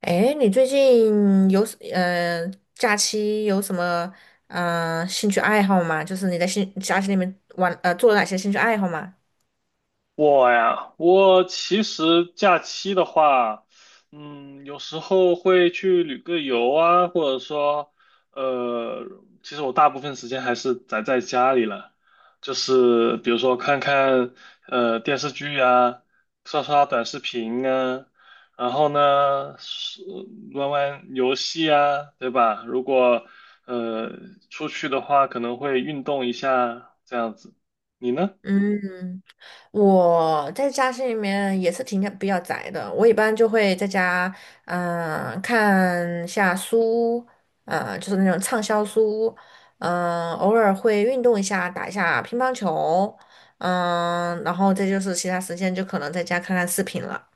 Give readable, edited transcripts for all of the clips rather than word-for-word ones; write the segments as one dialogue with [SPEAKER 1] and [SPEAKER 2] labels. [SPEAKER 1] 哎，你最近有假期有什么兴趣爱好吗？就是你在兴假期里面玩做了哪些兴趣爱好吗？
[SPEAKER 2] 我呀，我其实假期的话，有时候会去旅个游啊，或者说，呃，其实我大部分时间还是宅在家里了，就是比如说看看电视剧啊，刷刷短视频啊，然后呢，是玩玩游戏啊，对吧？如果呃出去的话，可能会运动一下这样子。你呢？
[SPEAKER 1] 嗯，我在家是里面也是挺比较宅的，我一般就会在家看一下书，呃就是那种畅销书，偶尔会运动一下，打一下乒乓球，然后再就是其他时间就可能在家看看视频了。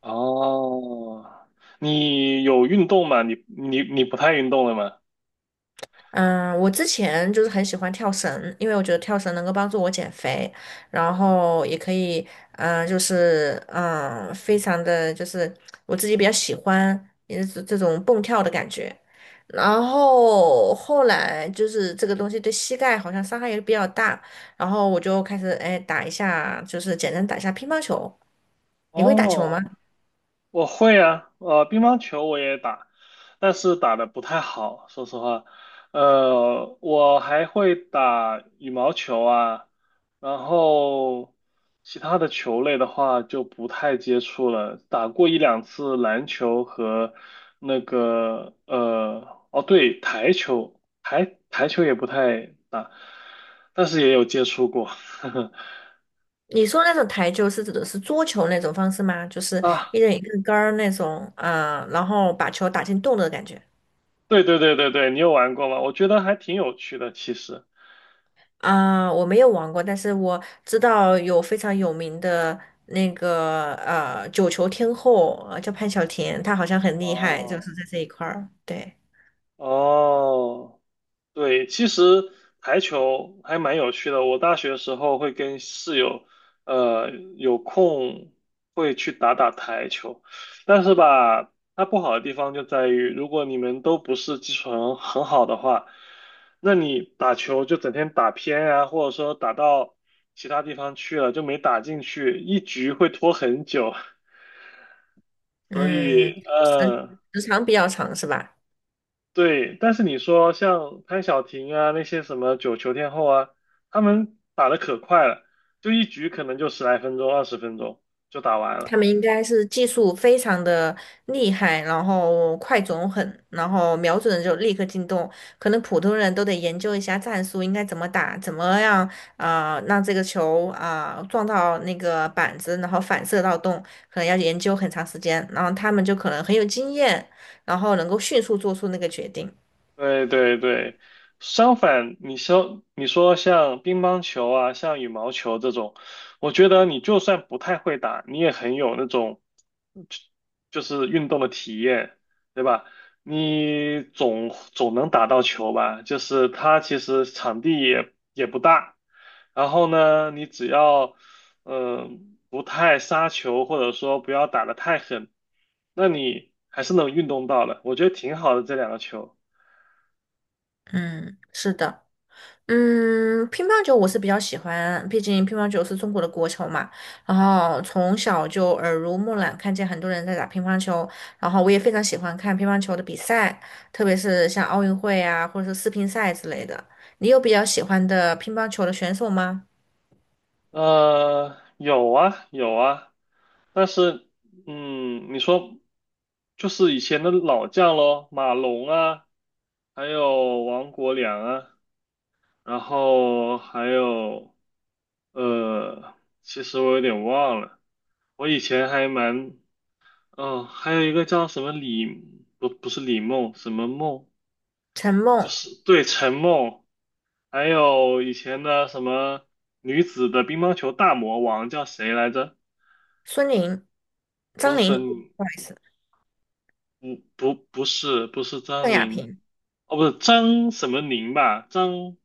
[SPEAKER 2] 哦，你有运动吗？你不太运动了吗？
[SPEAKER 1] 嗯，我之前就是很喜欢跳绳，因为我觉得跳绳能够帮助我减肥，然后也可以，非常的就是我自己比较喜欢，也是这种蹦跳的感觉。然后后来就是这个东西对膝盖好像伤害也比较大，然后我就开始哎打一下，就是简单打一下乒乓球。你会打球吗？
[SPEAKER 2] 哦我会啊，乒乓球我也打，但是打的不太好，说实话。我还会打羽毛球啊，然后其他的球类的话就不太接触了，打过一两次篮球和哦对，台球，台球也不太打，但是也有接触过。
[SPEAKER 1] 你说那种台球是指的是桌球那种方式吗？就是一
[SPEAKER 2] 啊，
[SPEAKER 1] 人一个杆儿那种然后把球打进洞的感觉
[SPEAKER 2] 对对对对对，你有玩过吗？我觉得还挺有趣的，其实。
[SPEAKER 1] 啊、我没有玩过，但是我知道有非常有名的那个呃九球天后，呃叫潘晓婷，她好像很厉害，就
[SPEAKER 2] 哦
[SPEAKER 1] 是在这一块儿。对，
[SPEAKER 2] 哦，对，其实台球还蛮有趣的。我大学时候会跟室友，呃，有空会去打打台球，但是吧，它不好的地方就在于，如果你们都不是基础很好的话，那你打球就整天打偏啊，或者说打到其他地方去了，就没打进去，一局会拖很久。所
[SPEAKER 1] 嗯，
[SPEAKER 2] 以，
[SPEAKER 1] 时时长比较长是吧？
[SPEAKER 2] 对，但是你说像潘晓婷啊，那些什么九球天后啊，他们打的可快了，就一局可能就10来分钟、20分钟就打完了。
[SPEAKER 1] 他们应该是技术非常的厉害，然后快准狠，然后瞄准了就立刻进洞。可能普通人都得研究一下战术，应该怎么打，怎么样让这个球撞到那个板子，然后反射到洞，可能要研究很长时间。然后他们就可能很有经验，然后能够迅速做出那个决定。
[SPEAKER 2] 对对对，相反，你说像乒乓球啊，像羽毛球这种，我觉得你就算不太会打，你也很有那种就就是运动的体验，对吧？你总能打到球吧？就是它其实场地也不大，然后呢，你只要不太杀球，或者说不要打得太狠，那你还是能运动到的，我觉得挺好的这两个球。
[SPEAKER 1] 嗯，是的。嗯，乒乓球我是比较喜欢，毕竟乒乓球是中国的国球嘛。然后从小就耳濡目染，看见很多人在打乒乓球，然后我也非常喜欢看乒乓球的比赛，特别是像奥运会啊，或者是世乒赛之类的。你有比较喜欢的乒乓球的选手吗？
[SPEAKER 2] 有啊，有啊，但是，你说就是以前的老将咯，马龙啊，还有王国良啊，然后还有，呃，其实我有点忘了，我以前还蛮，还有一个叫什么李，不是李梦，什么梦，
[SPEAKER 1] 陈
[SPEAKER 2] 就
[SPEAKER 1] 梦、
[SPEAKER 2] 是对陈梦，还有以前的什么女子的乒乓球大魔王叫谁来着？
[SPEAKER 1] 孙宁、
[SPEAKER 2] 不
[SPEAKER 1] 张
[SPEAKER 2] 是
[SPEAKER 1] 宁，
[SPEAKER 2] 孙。
[SPEAKER 1] 不好意思，
[SPEAKER 2] 不不不是不是
[SPEAKER 1] 邓
[SPEAKER 2] 张
[SPEAKER 1] 亚
[SPEAKER 2] 宁，
[SPEAKER 1] 萍、
[SPEAKER 2] 哦不是张什么宁吧？张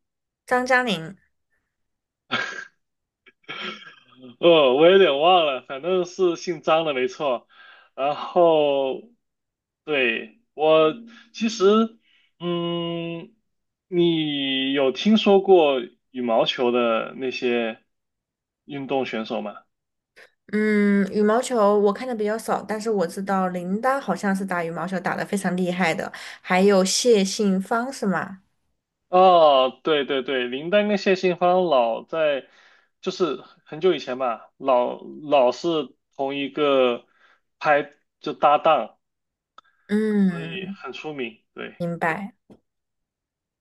[SPEAKER 1] 张嘉宁。
[SPEAKER 2] 我有点忘了，反正是姓张的没错。然后对我其实嗯，你有听说过羽毛球的那些运动选手吗？
[SPEAKER 1] 嗯，羽毛球我看的比较少，但是我知道林丹好像是打羽毛球打得非常厉害的，还有谢杏芳是吗？
[SPEAKER 2] 哦，对对对，林丹跟谢杏芳老在，就是很久以前吧，老是同一个拍就搭档，所以
[SPEAKER 1] 嗯，
[SPEAKER 2] 很出名。对
[SPEAKER 1] 明白。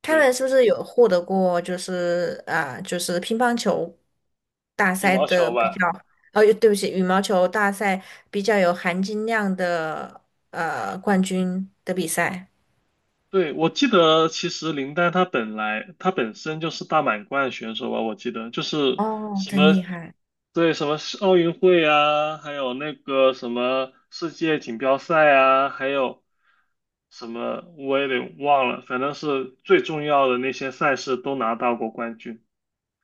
[SPEAKER 1] 他
[SPEAKER 2] 对，
[SPEAKER 1] 们是不是有获得过乒乓球大
[SPEAKER 2] 羽
[SPEAKER 1] 赛
[SPEAKER 2] 毛
[SPEAKER 1] 的
[SPEAKER 2] 球
[SPEAKER 1] 比
[SPEAKER 2] 吧。
[SPEAKER 1] 较？哦，对不起，羽毛球大赛比较有含金量的呃冠军的比赛。
[SPEAKER 2] 对，我记得其实林丹他本来他本身就是大满贯选手吧，我记得就是
[SPEAKER 1] 哦，
[SPEAKER 2] 什
[SPEAKER 1] 真
[SPEAKER 2] 么，
[SPEAKER 1] 厉害。
[SPEAKER 2] 对，什么世奥运会啊，还有那个什么世界锦标赛啊，还有什么我也得忘了，反正是最重要的那些赛事都拿到过冠军。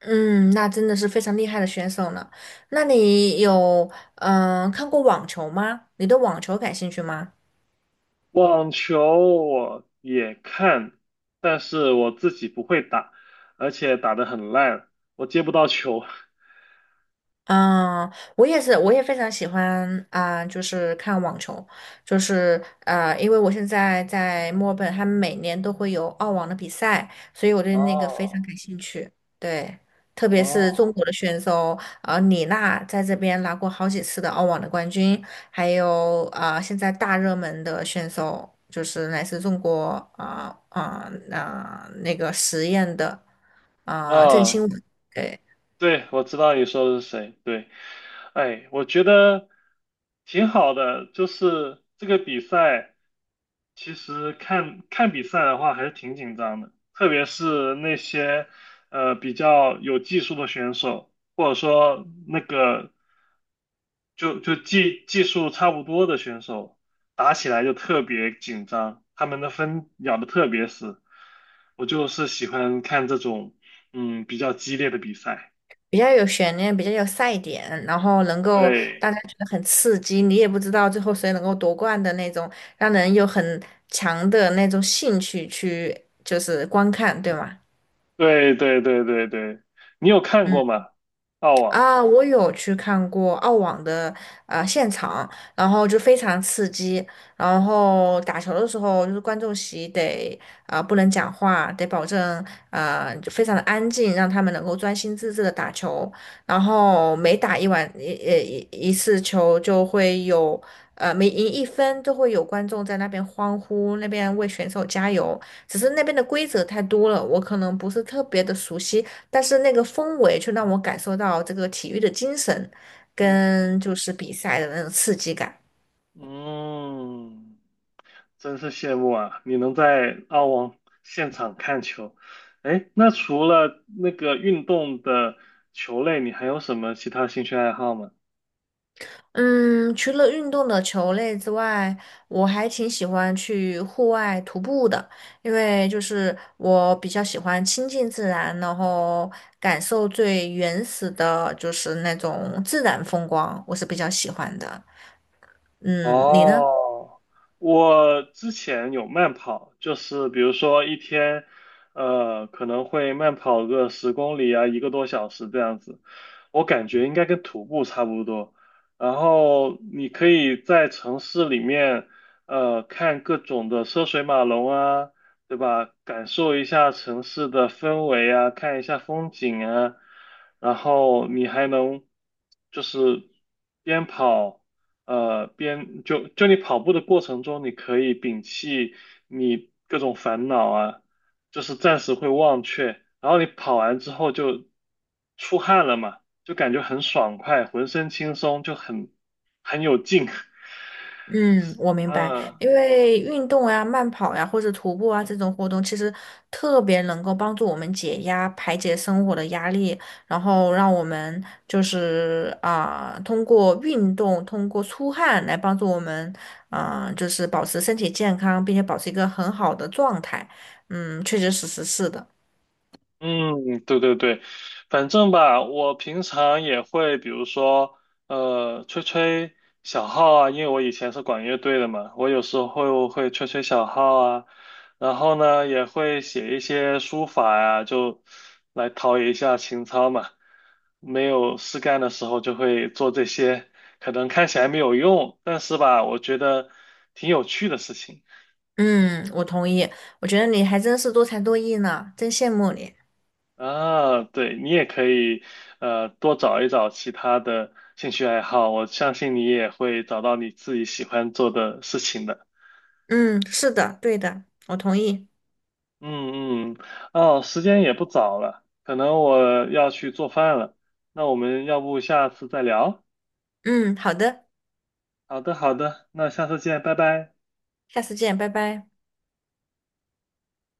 [SPEAKER 1] 嗯，那真的是非常厉害的选手呢。那你有看过网球吗？你对网球感兴趣吗？
[SPEAKER 2] 网球我也看，但是我自己不会打，而且打得很烂，我接不到球。
[SPEAKER 1] 嗯，我也是，我也非常喜欢就是看网球，就是呃，因为我现在在墨尔本，他们每年都会有澳网的比赛，所以我对那个非常
[SPEAKER 2] 哦
[SPEAKER 1] 感兴趣。对，特别是
[SPEAKER 2] 哦，
[SPEAKER 1] 中国的选手，呃，李娜在这边拿过好几次的澳网的冠军，还有现在大热门的选手就是来自中国啊啊啊那个实验的啊、郑钦
[SPEAKER 2] 啊，
[SPEAKER 1] 文。对
[SPEAKER 2] 对，我知道你说的是谁。对，哎，我觉得挺好的，就是这个比赛，其实看看比赛的话还是挺紧张的，特别是那些比较有技术的选手，或者说那个技术差不多的选手，打起来就特别紧张，他们的分咬的特别死。我就是喜欢看这种比较激烈的比赛。
[SPEAKER 1] 比较有悬念，比较有赛点，然后能够
[SPEAKER 2] 对。
[SPEAKER 1] 大家觉得很刺激，你也不知道最后谁能够夺冠的那种，让人有很强的那种兴趣去就是观看，对吗？
[SPEAKER 2] 对对对对对，你有看
[SPEAKER 1] 嗯。
[SPEAKER 2] 过吗？澳网，
[SPEAKER 1] 啊，我有去看过澳网的呃现场，然后就非常刺激。然后打球的时候，就是观众席得不能讲话，得保证啊、就非常的安静，让他们能够专心致志的打球。然后每打一晚一一一一次球，就会有呃每赢一分都会有观众在那边欢呼，那边为选手加油。只是那边的规则太多了，我可能不是特别的熟悉。但是那个氛围却让我感受到这个体育的精神，
[SPEAKER 2] 嗯
[SPEAKER 1] 跟就是比赛的那种刺激感。
[SPEAKER 2] 嗯，真是羡慕啊！你能在澳网现场看球，哎，那除了那个运动的球类，你还有什么其他兴趣爱好吗？
[SPEAKER 1] 嗯，除了运动的球类之外，我还挺喜欢去户外徒步的，因为就是我比较喜欢亲近自然，然后感受最原始的，就是那种自然风光，我是比较喜欢的。嗯，你呢？
[SPEAKER 2] 哦，我之前有慢跑，就是比如说一天，可能会慢跑个10公里啊，一个多小时这样子。我感觉应该跟徒步差不多。然后你可以在城市里面，看各种的车水马龙啊，对吧？感受一下城市的氛围啊，看一下风景啊。然后你还能就是边跑。边你跑步的过程中，你可以摒弃你各种烦恼啊，就是暂时会忘却。然后你跑完之后就出汗了嘛，就感觉很爽快，浑身轻松，就很有劲。
[SPEAKER 1] 嗯，我明白，
[SPEAKER 2] 嗯，
[SPEAKER 1] 因为运动呀、慢跑呀，或者徒步啊这种活动，其实特别能够帮助我们解压、排解生活的压力，然后让我们通过运动、通过出汗来帮助我们，啊、就是保持身体健康，并且保持一个很好的状态。嗯，确确实实是的。
[SPEAKER 2] 嗯，对对对，反正吧，我平常也会，比如说，吹吹小号啊，因为我以前是管乐队的嘛，我有时候会吹吹小号啊，然后呢，也会写一些书法呀、就来陶冶一下情操嘛。没有事干的时候就会做这些，可能看起来没有用，但是吧，我觉得挺有趣的事情。
[SPEAKER 1] 嗯，我同意，我觉得你还真是多才多艺呢，真羡慕你。
[SPEAKER 2] 啊，对，你也可以，多找一找其他的兴趣爱好，我相信你也会找到你自己喜欢做的事情的。
[SPEAKER 1] 嗯，是的，对的，我同意。
[SPEAKER 2] 嗯嗯，哦，时间也不早了，可能我要去做饭了，那我们要不下次再聊？
[SPEAKER 1] 嗯，好的。
[SPEAKER 2] 好的好的，那下次见，拜拜。
[SPEAKER 1] 下次见，拜拜。